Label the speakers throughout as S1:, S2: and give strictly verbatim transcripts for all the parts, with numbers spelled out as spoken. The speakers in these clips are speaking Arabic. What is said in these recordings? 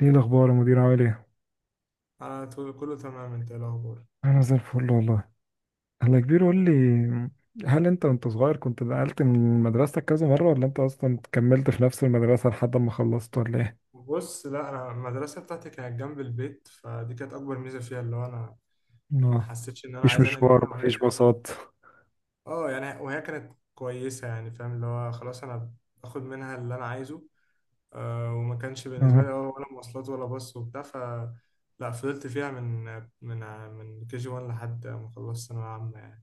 S1: ايه الاخبار يا مدير، عامل ايه؟
S2: انا طول- كله تمام. انت إيه الاخبار؟
S1: انا زي الفل والله. انا كبير قول لي. هل انت وانت صغير كنت نقلت من مدرستك كذا مره ولا انت اصلا كملت في نفس المدرسه لحد ما خلصت ولا ايه؟
S2: بص، لا، انا المدرسه بتاعتي كانت جنب البيت، فدي كانت اكبر ميزه فيها، اللي هو انا ما
S1: اه،
S2: حسيتش ان انا
S1: مفيش
S2: عايز انقل
S1: مشوار
S2: منها. وهي
S1: مفيش
S2: كانت،
S1: باصات.
S2: اه يعني وهي كانت كويسه، يعني فاهم اللي هو خلاص انا باخد منها اللي انا عايزه. آه وما كانش بالنسبه
S1: اه،
S2: لي، اه ولا مواصلات ولا باص وبتاع. ف لا، فضلت فيها من من من كي جي واحد لحد ما خلصت ثانويه عامه يعني.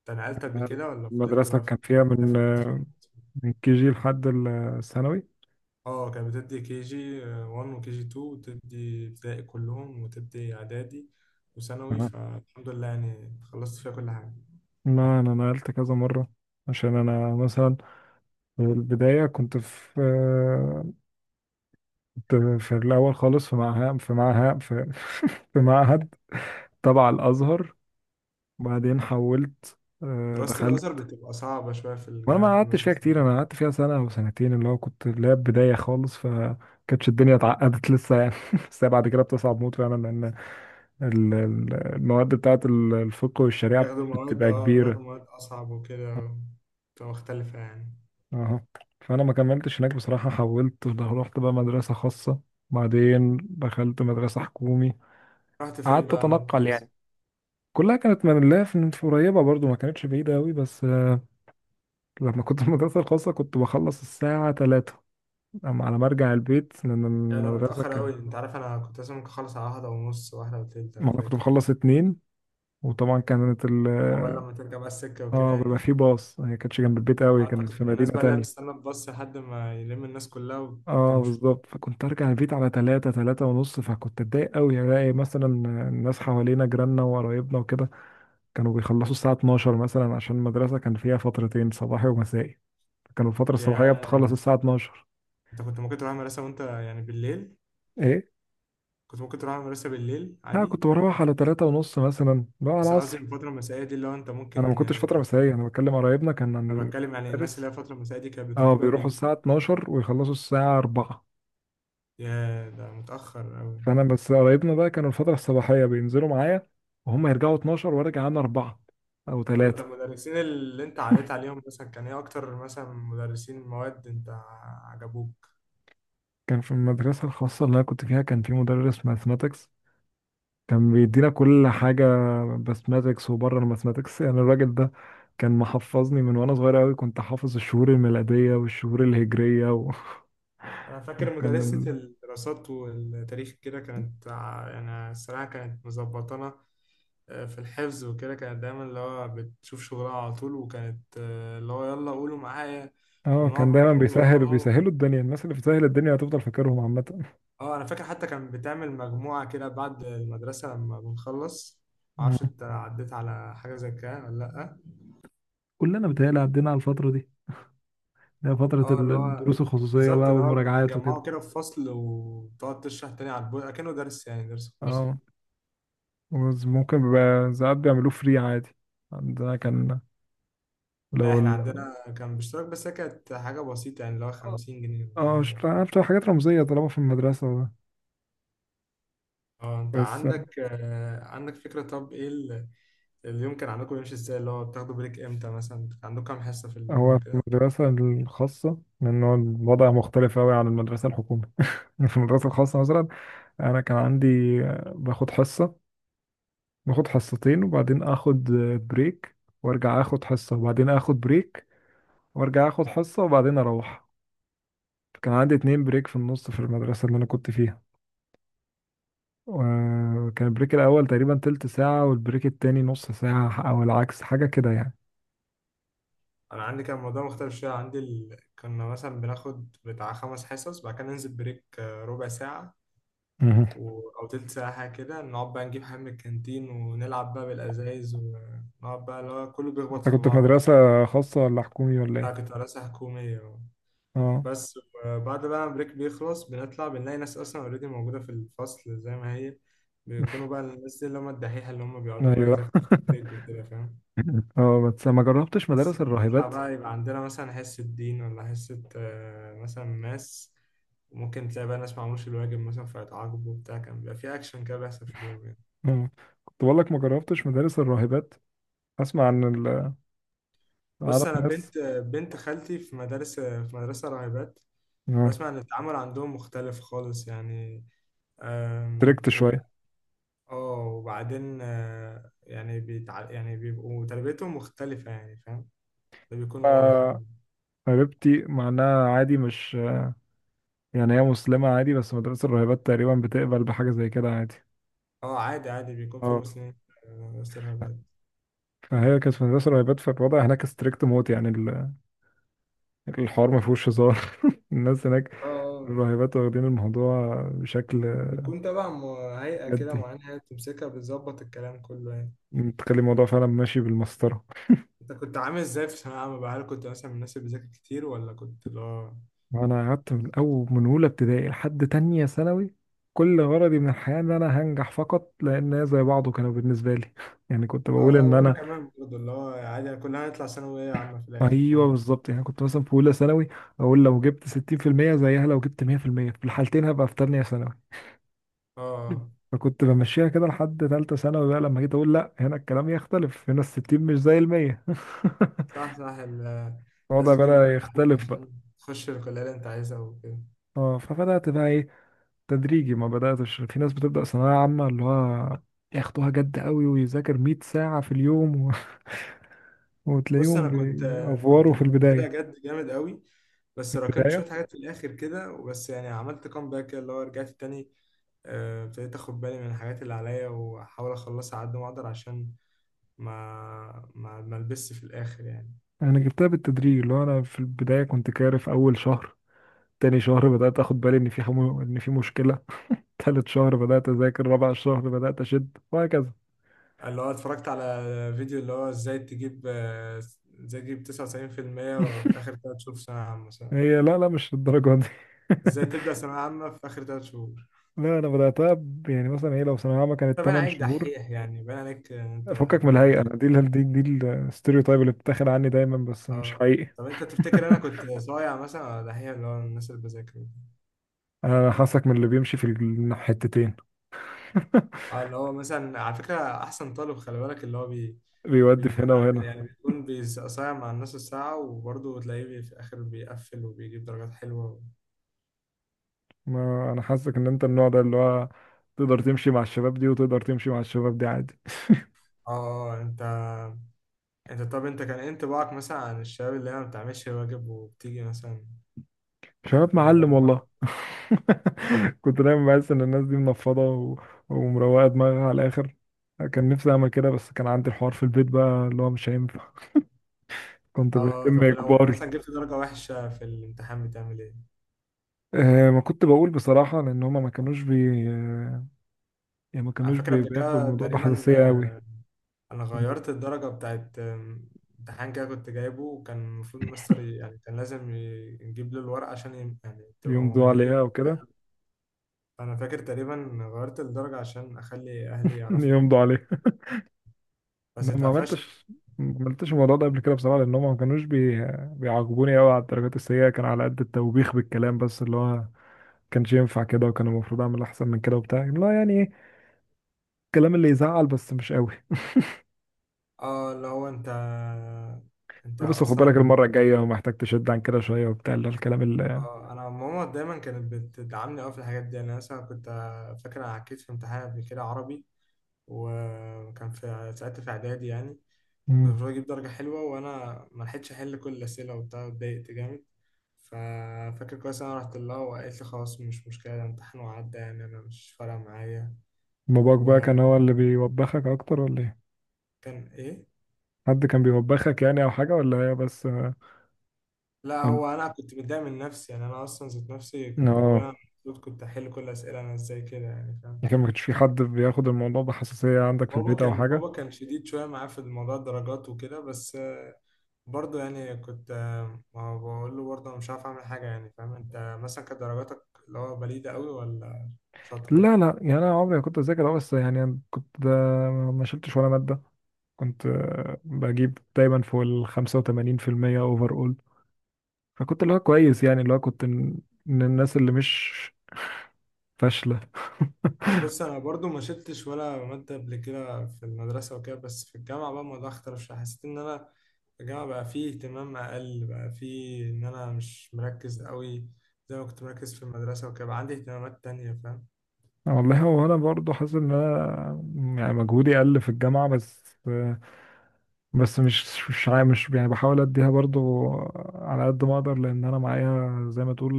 S2: انت نقلت قبل كده ولا فضلت
S1: المدرسه
S2: بقى في
S1: كان فيها من
S2: في-
S1: من كي جي لحد الثانوي.
S2: اه، كانت بتدي كي جي واحد وكي جي اتنين وتدي ابتدائي كلهم وتدي اعدادي وثانوي،
S1: اه،
S2: فالحمد لله يعني خلصت فيها كل حاجة.
S1: لا انا نقلت كذا مره عشان انا مثلا في البدايه كنت في كنت في الاول خالص في معهد في معهد في, في معهد تبع الازهر. وبعدين حولت، آه،
S2: دراسة الأزهر
S1: دخلت.
S2: بتبقى صعبة شوية في
S1: وانا ما
S2: الجامعة، في
S1: قعدتش فيها
S2: المدرسة.
S1: كتير، انا قعدت فيها سنه او سنتين اللي هو كنت اللي هي بدايه خالص فكانتش الدنيا اتعقدت لسه يعني. بس هي بعد كده بتصعب موت فعلا لان ال- ال- المواد بتاعت ال- الفقه والشريعه
S2: بياخدوا مواد
S1: بتبقى
S2: اه بياخدوا
S1: كبيره.
S2: مواد أصعب وكده، بتبقى مختلفة يعني.
S1: اه، فانا ما كملتش هناك بصراحه، حولت رحت بقى مدرسه خاصه، بعدين دخلت مدرسه حكومي،
S2: رحت فين
S1: قعدت
S2: بقى مع
S1: اتنقل
S2: الفصل؟
S1: يعني. كلها كانت من الله في في قريبه برضو ما كانتش بعيده قوي بس آه، لما كنت في المدرسه الخاصه كنت بخلص الساعه تلاتة. أما على ما ارجع البيت من
S2: يا ده
S1: المدرسه
S2: متأخر أوي.
S1: كان،
S2: أنت عارف أنا كنت لازم ممكن أخلص على واحدة ونص، واحدة وتلت، أنا
S1: ما انا كنت
S2: فاكر.
S1: بخلص اتنين. وطبعا كانت ال...
S2: أول لما ترجع بقى السكة وكده
S1: اه، بيبقى
S2: يعني.
S1: في باص، هي كانتش جنب البيت قوي،
S2: أه، أنت
S1: كانت
S2: كنت
S1: في
S2: من
S1: مدينه
S2: الناس بقى اللي هي
S1: تانية.
S2: بتستنى الباص لحد ما يلم الناس كلها
S1: اه،
S2: وتمشي.
S1: بالظبط، فكنت ارجع البيت على تلاتة تلاتة ونص، فكنت اتضايق قوي الاقي مثلا الناس حوالينا جيراننا وقرايبنا وكده كانوا بيخلصوا الساعه الثانية عشرة مثلا، عشان المدرسه كان فيها فترتين صباحي ومسائي، كانوا الفتره
S2: يا،
S1: الصباحيه بتخلص الساعه اتناشر.
S2: انت كنت ممكن تروح المدرسة وانت يعني بالليل؟
S1: ايه،
S2: كنت ممكن تروح المدرسة بالليل
S1: لا
S2: عادي.
S1: كنت بروح على تلاتة ونص مثلا بقى على
S2: بس انا قصدي
S1: العصر.
S2: الفترة المسائية دي اللي هو انت
S1: انا ما
S2: ممكن
S1: كنتش
S2: يعني.
S1: فتره مسائيه، انا بتكلم قرايبنا كان
S2: انا
S1: عن
S2: بتكلم يعني الناس اللي
S1: المدرس.
S2: هي الفترة المسائية دي كانت بتروح
S1: اه،
S2: بقى
S1: بيروحوا
S2: بالليل.
S1: الساعة اتناشر ويخلصوا الساعة اربعة.
S2: يا ده متأخر أوي.
S1: فأنا بس قرايبنا بقى كانوا الفترة الصباحية بينزلوا معايا، وهم يرجعوا اتناشر وارجع أنا اربعة أو
S2: طب انت
S1: تلاتة.
S2: المدرسين اللي انت عديت عليهم مثلا كان ايه اكتر مثلا مدرسين مواد انت عجبوك؟
S1: كان في المدرسة الخاصة اللي أنا كنت فيها كان في مدرس ماثماتكس، كان بيدينا كل حاجة، ماثماتكس وبره الماثماتكس. يعني الراجل ده كان محفظني من وأنا صغير أوي، كنت حافظ الشهور الميلادية والشهور الهجرية و...
S2: أنا فاكر
S1: وكان
S2: مدرسة
S1: ال...
S2: الدراسات والتاريخ كده كانت ع- يعني الصراحة كانت مظبطانا، آه، في الحفظ وكده، كانت دايما اللي هو بتشوف شغلها على طول. وكانت آه، اللي هو يلا قولوا معايا،
S1: اه، كان
S2: ونقعد بقى
S1: دايما
S2: نقول
S1: بيسهل
S2: وراها.
S1: بيسهلوا الدنيا، الناس اللي بتسهل الدنيا هتفضل فاكرهم عامة.
S2: اه انا فاكر حتى كان بتعمل مجموعة كده بعد المدرسة لما بنخلص. معرفش
S1: مم.
S2: انت عديت على حاجة زي كده ولا لأ.
S1: كلنا بتهيألي عدينا على الفترة دي، هي فترة
S2: اه
S1: ال-
S2: اللي هو
S1: الدروس الخصوصية
S2: بالظبط
S1: بقى
S2: اللي هو
S1: والمراجعات وكده.
S2: بتتجمعوا كده في فصل وتقعد تشرح تاني على البورد أكنه درس، يعني درس خصوصي.
S1: اه، وز- ممكن بيبقى ساعات بيعملوه فري عادي. عندنا كان
S2: لا،
S1: لو
S2: احنا
S1: ال...
S2: عندنا كان باشتراك، بس هي كانت حاجة بسيطة يعني اللي هو خمسين جنيه ولا
S1: اه، مش
S2: حاجة.
S1: عارف، بتبقى حاجات رمزية طالما في المدرسة ده.
S2: اه، انت
S1: بس
S2: عندك آه، عندك فكرة. طب ايه ال- اليوم كان عندكم يمشي ازاي اللي هو بتاخدوا بريك امتى؟ مثلا كان عندكم كام حصة في
S1: هو
S2: اليوم
S1: في
S2: كده؟
S1: المدرسة الخاصة، لأن هو الوضع مختلف أوي عن المدرسة الحكومية. في المدرسة الخاصة مثلا أنا كان عندي، آه، باخد حصة، باخد حصتين وبعدين آخد آه، بريك، وأرجع آخد حصة وبعدين آخد بريك، وأرجع آخد حصة وبعدين أروح. كان عندي اتنين بريك في النص في المدرسة اللي أنا كنت فيها. وكان البريك الأول تقريبا تلت ساعة والبريك التاني نص ساعة أو العكس، حاجة كده يعني.
S2: انا عندي كان الموضوع مختلف شوية. عندي ال... كنا مثلا بناخد بتاع خمس حصص، بعد كده ننزل بريك آه، ربع ساعة
S1: مهم.
S2: و... او تلت ساعة حاجة كده. نقعد بقى نجيب حاجة من الكانتين ونلعب بقى بالازايز ونقعد بقى اللي هو كله بيخبط
S1: أنت
S2: في
S1: كنت في
S2: بعضه.
S1: مدرسة خاصة ولا حكومي ولا
S2: لا،
S1: إيه؟
S2: كنت مدرسة حكومية.
S1: أه،
S2: بس بعد بقى ما البريك بيخلص بنطلع بنلاقي ناس اصلا اوريدي موجوده في الفصل زي ما هي. بيكونوا بقى الناس دي اللي هم الدحيحه، اللي هم بيقعدوا بقى
S1: أيوه.
S2: يذاكروا في البريك وكده، فاهم؟
S1: أه، بس ما جربتش
S2: بس
S1: مدارس
S2: نطلع
S1: الراهبات.
S2: بقى يبقى عندنا مثلا حصه دين ولا حصه آه، مثلا ماس. وممكن تلاقي بقى ناس ما عملوش الواجب مثلا فيتعاقبوا وبتاع، كان بيبقى في اكشن كده بيحصل في اليوم يعني.
S1: أه، كنت بقول لك ما جربتش مدارس الراهبات، أسمع عن ال
S2: بص،
S1: أعرف
S2: انا
S1: ناس.
S2: بنت بنت خالتي في مدارس في مدرسه راهبات.
S1: أه
S2: بسمع ان التعامل عندهم مختلف خالص يعني.
S1: تركت شوية.
S2: اه، وبعدين آه، يعني بيتع... يعني بيبقوا تربيتهم مختلفة يعني، فاهم؟ ده بيكون واضح
S1: آه،
S2: أوي.
S1: قريبتي مع إنها عادي مش، يعني هي مسلمة عادي، بس مدرسة الراهبات تقريبا بتقبل بحاجة زي كده عادي.
S2: اه، عادي عادي، بيكون في
S1: اه،
S2: مسلمين. آه، استرهابات.
S1: فهي كانت في مدرسة راهبات فالوضع هناك ستريكت موت، يعني ال- الحوار ما فيهوش هزار. الناس هناك
S2: اه آه،
S1: الراهبات واخدين الموضوع بشكل
S2: بيكون تبع م- هيئة كده
S1: جدي،
S2: معينة، هي بتمسكها بتظبط الكلام كله يعني.
S1: تخلي الموضوع فعلا ماشي بالمسطرة.
S2: انت كنت عامل ازاي في ثانوية عامة بقى؟ هل كنت مثلا من الناس اللي بتذاكر كتير ولا كنت اللي هو؟
S1: وأنا قعدت من أول من أولى ابتدائي لحد تانية ثانوي كل غرضي من الحياة إن أنا هنجح فقط، لأن هي زي بعضه كانوا بالنسبة لي. يعني كنت بقول
S2: اه، اه،
S1: إن
S2: وانا
S1: أنا،
S2: كمان برضه اللي هو عادي كلنا هنطلع ثانوية عامة في الآخر
S1: أيوه
S2: فاهم.
S1: بالظبط، يعني كنت مثلا في أولى ثانوي أقول لو جبت ستين في المية زيها لو جبت مية في المية في المية، في الحالتين هبقى في تانية ثانوي.
S2: اه، اه.
S1: فكنت بمشيها كده لحد تالتة ثانوي، بقى لما جيت أقول لأ، هنا الكلام يختلف، هنا الستين مش زي المية.
S2: صح، صح. ال-
S1: الوضع
S2: لازم تجيب درجة
S1: بدأ
S2: عالية
S1: يختلف بقى.
S2: عشان تخش الكلية اللي انت عايزها وكده.
S1: اه، فبدأت بقى ايه، تدريجي، ما بدأتش في ناس بتبدأ ثانوية عامة اللي هو ياخدوها جد قوي ويذاكر 100 ساعة في اليوم و...
S2: بص،
S1: وتلاقيهم
S2: انا كنت كنت
S1: بيأفوروا في
S2: واخدها
S1: البداية.
S2: جد جامد قوي،
S1: في
S2: بس راكمت
S1: البداية
S2: شويه حاجات في الاخر كده وبس، يعني عملت كام كده اللي هو رجعت تاني. آه، ابتديت اخد بالي من الحاجات اللي عليا واحاول اخلصها على قد ما اقدر عشان ما ما ما البسش في الاخر يعني.
S1: أنا جبتها بالتدريج اللي هو أنا في البداية كنت كارف أول شهر، تاني شهر بدأت أخد بالي إن في حمو... إن في مشكلة، تالت شهر بدأت أذاكر، رابع شهر بدأت أشد وهكذا.
S2: اللي هو اتفرجت على فيديو اللي هو ازاي تجيب آه، ازاي تجيب تسعة وتسعين في المية في المية في اخر تلاتة شهور في ثانويه عامه مثلا.
S1: هي لا لا مش الدرجة دي.
S2: ازاي تبدا ثانويه عامه في اخر تلات شهور؟
S1: لا انا بدأتها ب- يعني مثلا هي لو ثانوية عامة كانت
S2: طب انا
S1: 8
S2: عليك
S1: شهور.
S2: دحيح يعني باين عليك ان انت.
S1: فكك من الهيئة، أنا دي ال- دي دي الستيreotype اللي بتتاخد عني دايما بس مش
S2: اه
S1: حقيقي.
S2: طب انت تفتكر انا كنت صايع مثلا ولا هي اللي هو الناس اللي بذاكر.
S1: انا حاسك من اللي بيمشي في الحتتين.
S2: اه اللي هو مثلا على فكره احسن طالب خلي بالك اللي هو بي
S1: بيودي في
S2: بيكون
S1: هنا
S2: عامل-
S1: وهنا.
S2: يعني بيكون بيز- صايع مع الناس الساعه وبرضه تلاقيه بي- في الاخر بيقفل وبيجيب درجات حلوه.
S1: ما انا حاسك ان انت النوع ده اللي هو تقدر تمشي مع الشباب دي وتقدر تمشي مع الشباب دي عادي.
S2: اه، اه، اه، انت انت طب انت كان ايه انطباعك مثلا عن الشباب اللي هي ما بتعملش واجب وبتيجي مثلا؟
S1: شباب
S2: اه
S1: معلم والله. كنت دايما بحس ان الناس دي منفضه و... ومروقه دماغها على الاخر. كان نفسي اعمل كده بس كان عندي الحوار في البيت بقى اللي هو مش هينفع، كنت
S2: آه،
S1: بهتم
S2: طب ولو
S1: اجباري.
S2: مثلا جبت درجه وحشه في الامتحان بتعمل ايه؟
S1: أه، ما كنت بقول بصراحه لان هما ما كانوش بي يعني ما
S2: على
S1: كانوش
S2: فكره
S1: بي...
S2: قبل
S1: بياخدوا
S2: كده
S1: الموضوع
S2: تقريبا
S1: بحساسيه قوي.
S2: انا غيرت الدرجه بتاعت آم، امتحان كده كنت جايبه، وكان المفروض المستر ي- يعني كان لازم ي- نجيب له الورقه عشان ي- يعني تبقى
S1: يمضوا عليها
S2: ممضيه.
S1: او كده.
S2: فانا فاكر تقريبا غيرت الدرجه عشان اخلي اهلي يعرفوا،
S1: يمضوا عليها.
S2: بس
S1: انا ما
S2: اتقفشت.
S1: عملتش ما عملتش الموضوع ده قبل كده بصراحه لان هما ما كانوش بي... بيعاقبوني قوي على الدرجات السيئه، كان على قد التوبيخ بالكلام بس اللي هو كانش ينفع كده وكان المفروض اعمل احسن من كده وبتاع، لا يعني ايه، الكلام اللي يزعل بس مش قوي.
S2: اه اللي هو انت انت
S1: بس خد بالك
S2: اصلا.
S1: المره الجايه محتاج تشد عن كده شويه وبتاع اللي هو الكلام اللي.
S2: اه انا ماما دايما كانت بتدعمني قوي في الحاجات دي يعني. انا مثلا كنت فاكر انا عكيت في امتحان قبل كده عربي، وكان في ساعتها في اعدادي يعني. وكان
S1: مم.
S2: المفروض اجيب درجة حلوة وانا ما لحقتش احل كل الاسئلة وبتاع، اتضايقت جامد. ففاكر كويس انا رحت لها وقالت لي خلاص مش مشكلة، ده امتحان وعدى يعني، انا مش فارقة معايا.
S1: باباك بقى
S2: وكان
S1: كان هو اللي بيوبخك اكتر ولا ايه؟
S2: ايه؟
S1: حد كان بيوبخك يعني او حاجه ولا هي بس اه؟
S2: لا،
S1: كنت-
S2: هو انا كنت متضايق من نفسي، يعني انا اصلا ذات نفسي كنت بقول
S1: آه.
S2: انا المفروض كنت احل كل الاسئلة. انا ازاي كده يعني فاهم؟
S1: يعني ما كانش في حد بياخد الموضوع بحساسيه عندك في
S2: بابا
S1: البيت او
S2: كان
S1: حاجه.
S2: بابا كان شديد شوية معاه في موضوع الدرجات وكده. بس برضه يعني كنت آه، ما بقول له برضه أنا مش عارف أعمل حاجة يعني فاهم. أنت مثلا كانت درجاتك اللي هو بليدة أوي ولا شاطرة؟
S1: لا لا، يعني انا عمري ما كنت اذاكر، أه، بس يعني أنا كنت ده ما شلتش ولا ماده، كنت آه، بجيب دايما فوق ال خمسة وتمانين في المية اوفر. فكنت اللي هو كويس يعني اللي هو كنت من من الناس اللي مش فاشلة.
S2: بص، أنا برضه ما شلتش ولا مادة قبل كده في المدرسة وكده. بس في الجامعة بقى الموضوع اختلف شوية، حسيت إن أنا في الجامعة بقى فيه اهتمام أقل، بقى فيه إن أنا مش مركز أوي زي ما كنت مركز في المدرسة وكده، بقى عندي اهتمامات تانية فاهم؟
S1: آه، والله هو انا برضو حاسس ان انا يعني مجهودي قل في الجامعه، بس بس مش مش عا- مش يعني بحاول اديها برضو على قد ما اقدر لان انا معايا زي ما تقول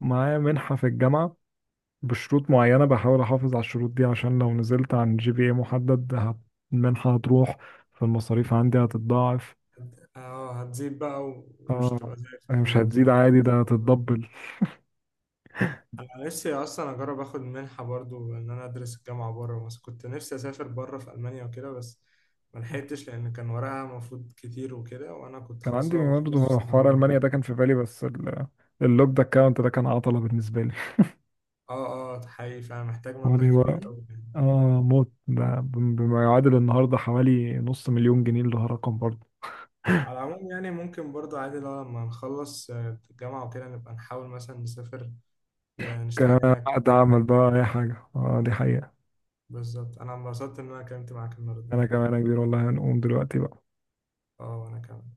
S1: معايا منحه في الجامعه بشروط معينه، بحاول احافظ على الشروط دي عشان لو نزلت عن جي بي اي محدد هت- المنحه هتروح فالمصاريف عندي هتتضاعف.
S2: اه، هتزيد بقى، ومش
S1: اه،
S2: تبقى زي في
S1: يعني مش هتزيد
S2: الجامعة.
S1: عادي ده هتتدبل.
S2: أنا نفسي أصلا أجرب آخد منحة برضو إن أنا أدرس الجامعة بره مصر. كنت نفسي أسافر بره في ألمانيا وكده، بس ملحقتش لأن كان وراها مفروض كتير وكده، وأنا كنت
S1: كان
S2: خلاص
S1: عندي
S2: بقى بخلص في
S1: برضه
S2: سنة
S1: حوار
S2: رابعة
S1: المانيا
S2: يعني.
S1: ده كان في بالي بس ال- اللوكد اكونت ده كان عطله بالنسبه لي.
S2: آه، آه، حقيقي، فأنا محتاج مبلغ
S1: حواري بقى
S2: كبير أوي يعني.
S1: اه موت، ده بم- بما يعادل النهارده حوالي نص مليون جنيه اللي هو رقم برضه.
S2: على العموم يعني ممكن برضو عادي لو لما نخلص آه، الجامعة وكده نبقى نحاول مثلا نسافر، آه،
S1: كان
S2: نشتغل هناك.
S1: قاعد اعمل بقى اي حاجه، اه دي حقيقه.
S2: بالظبط، أنا انبسطت إن أنا اتكلمت معاك النهاردة
S1: انا
S2: يعني.
S1: كمان يا كبير والله، هنقوم دلوقتي بقى.
S2: آه، وأنا كمان.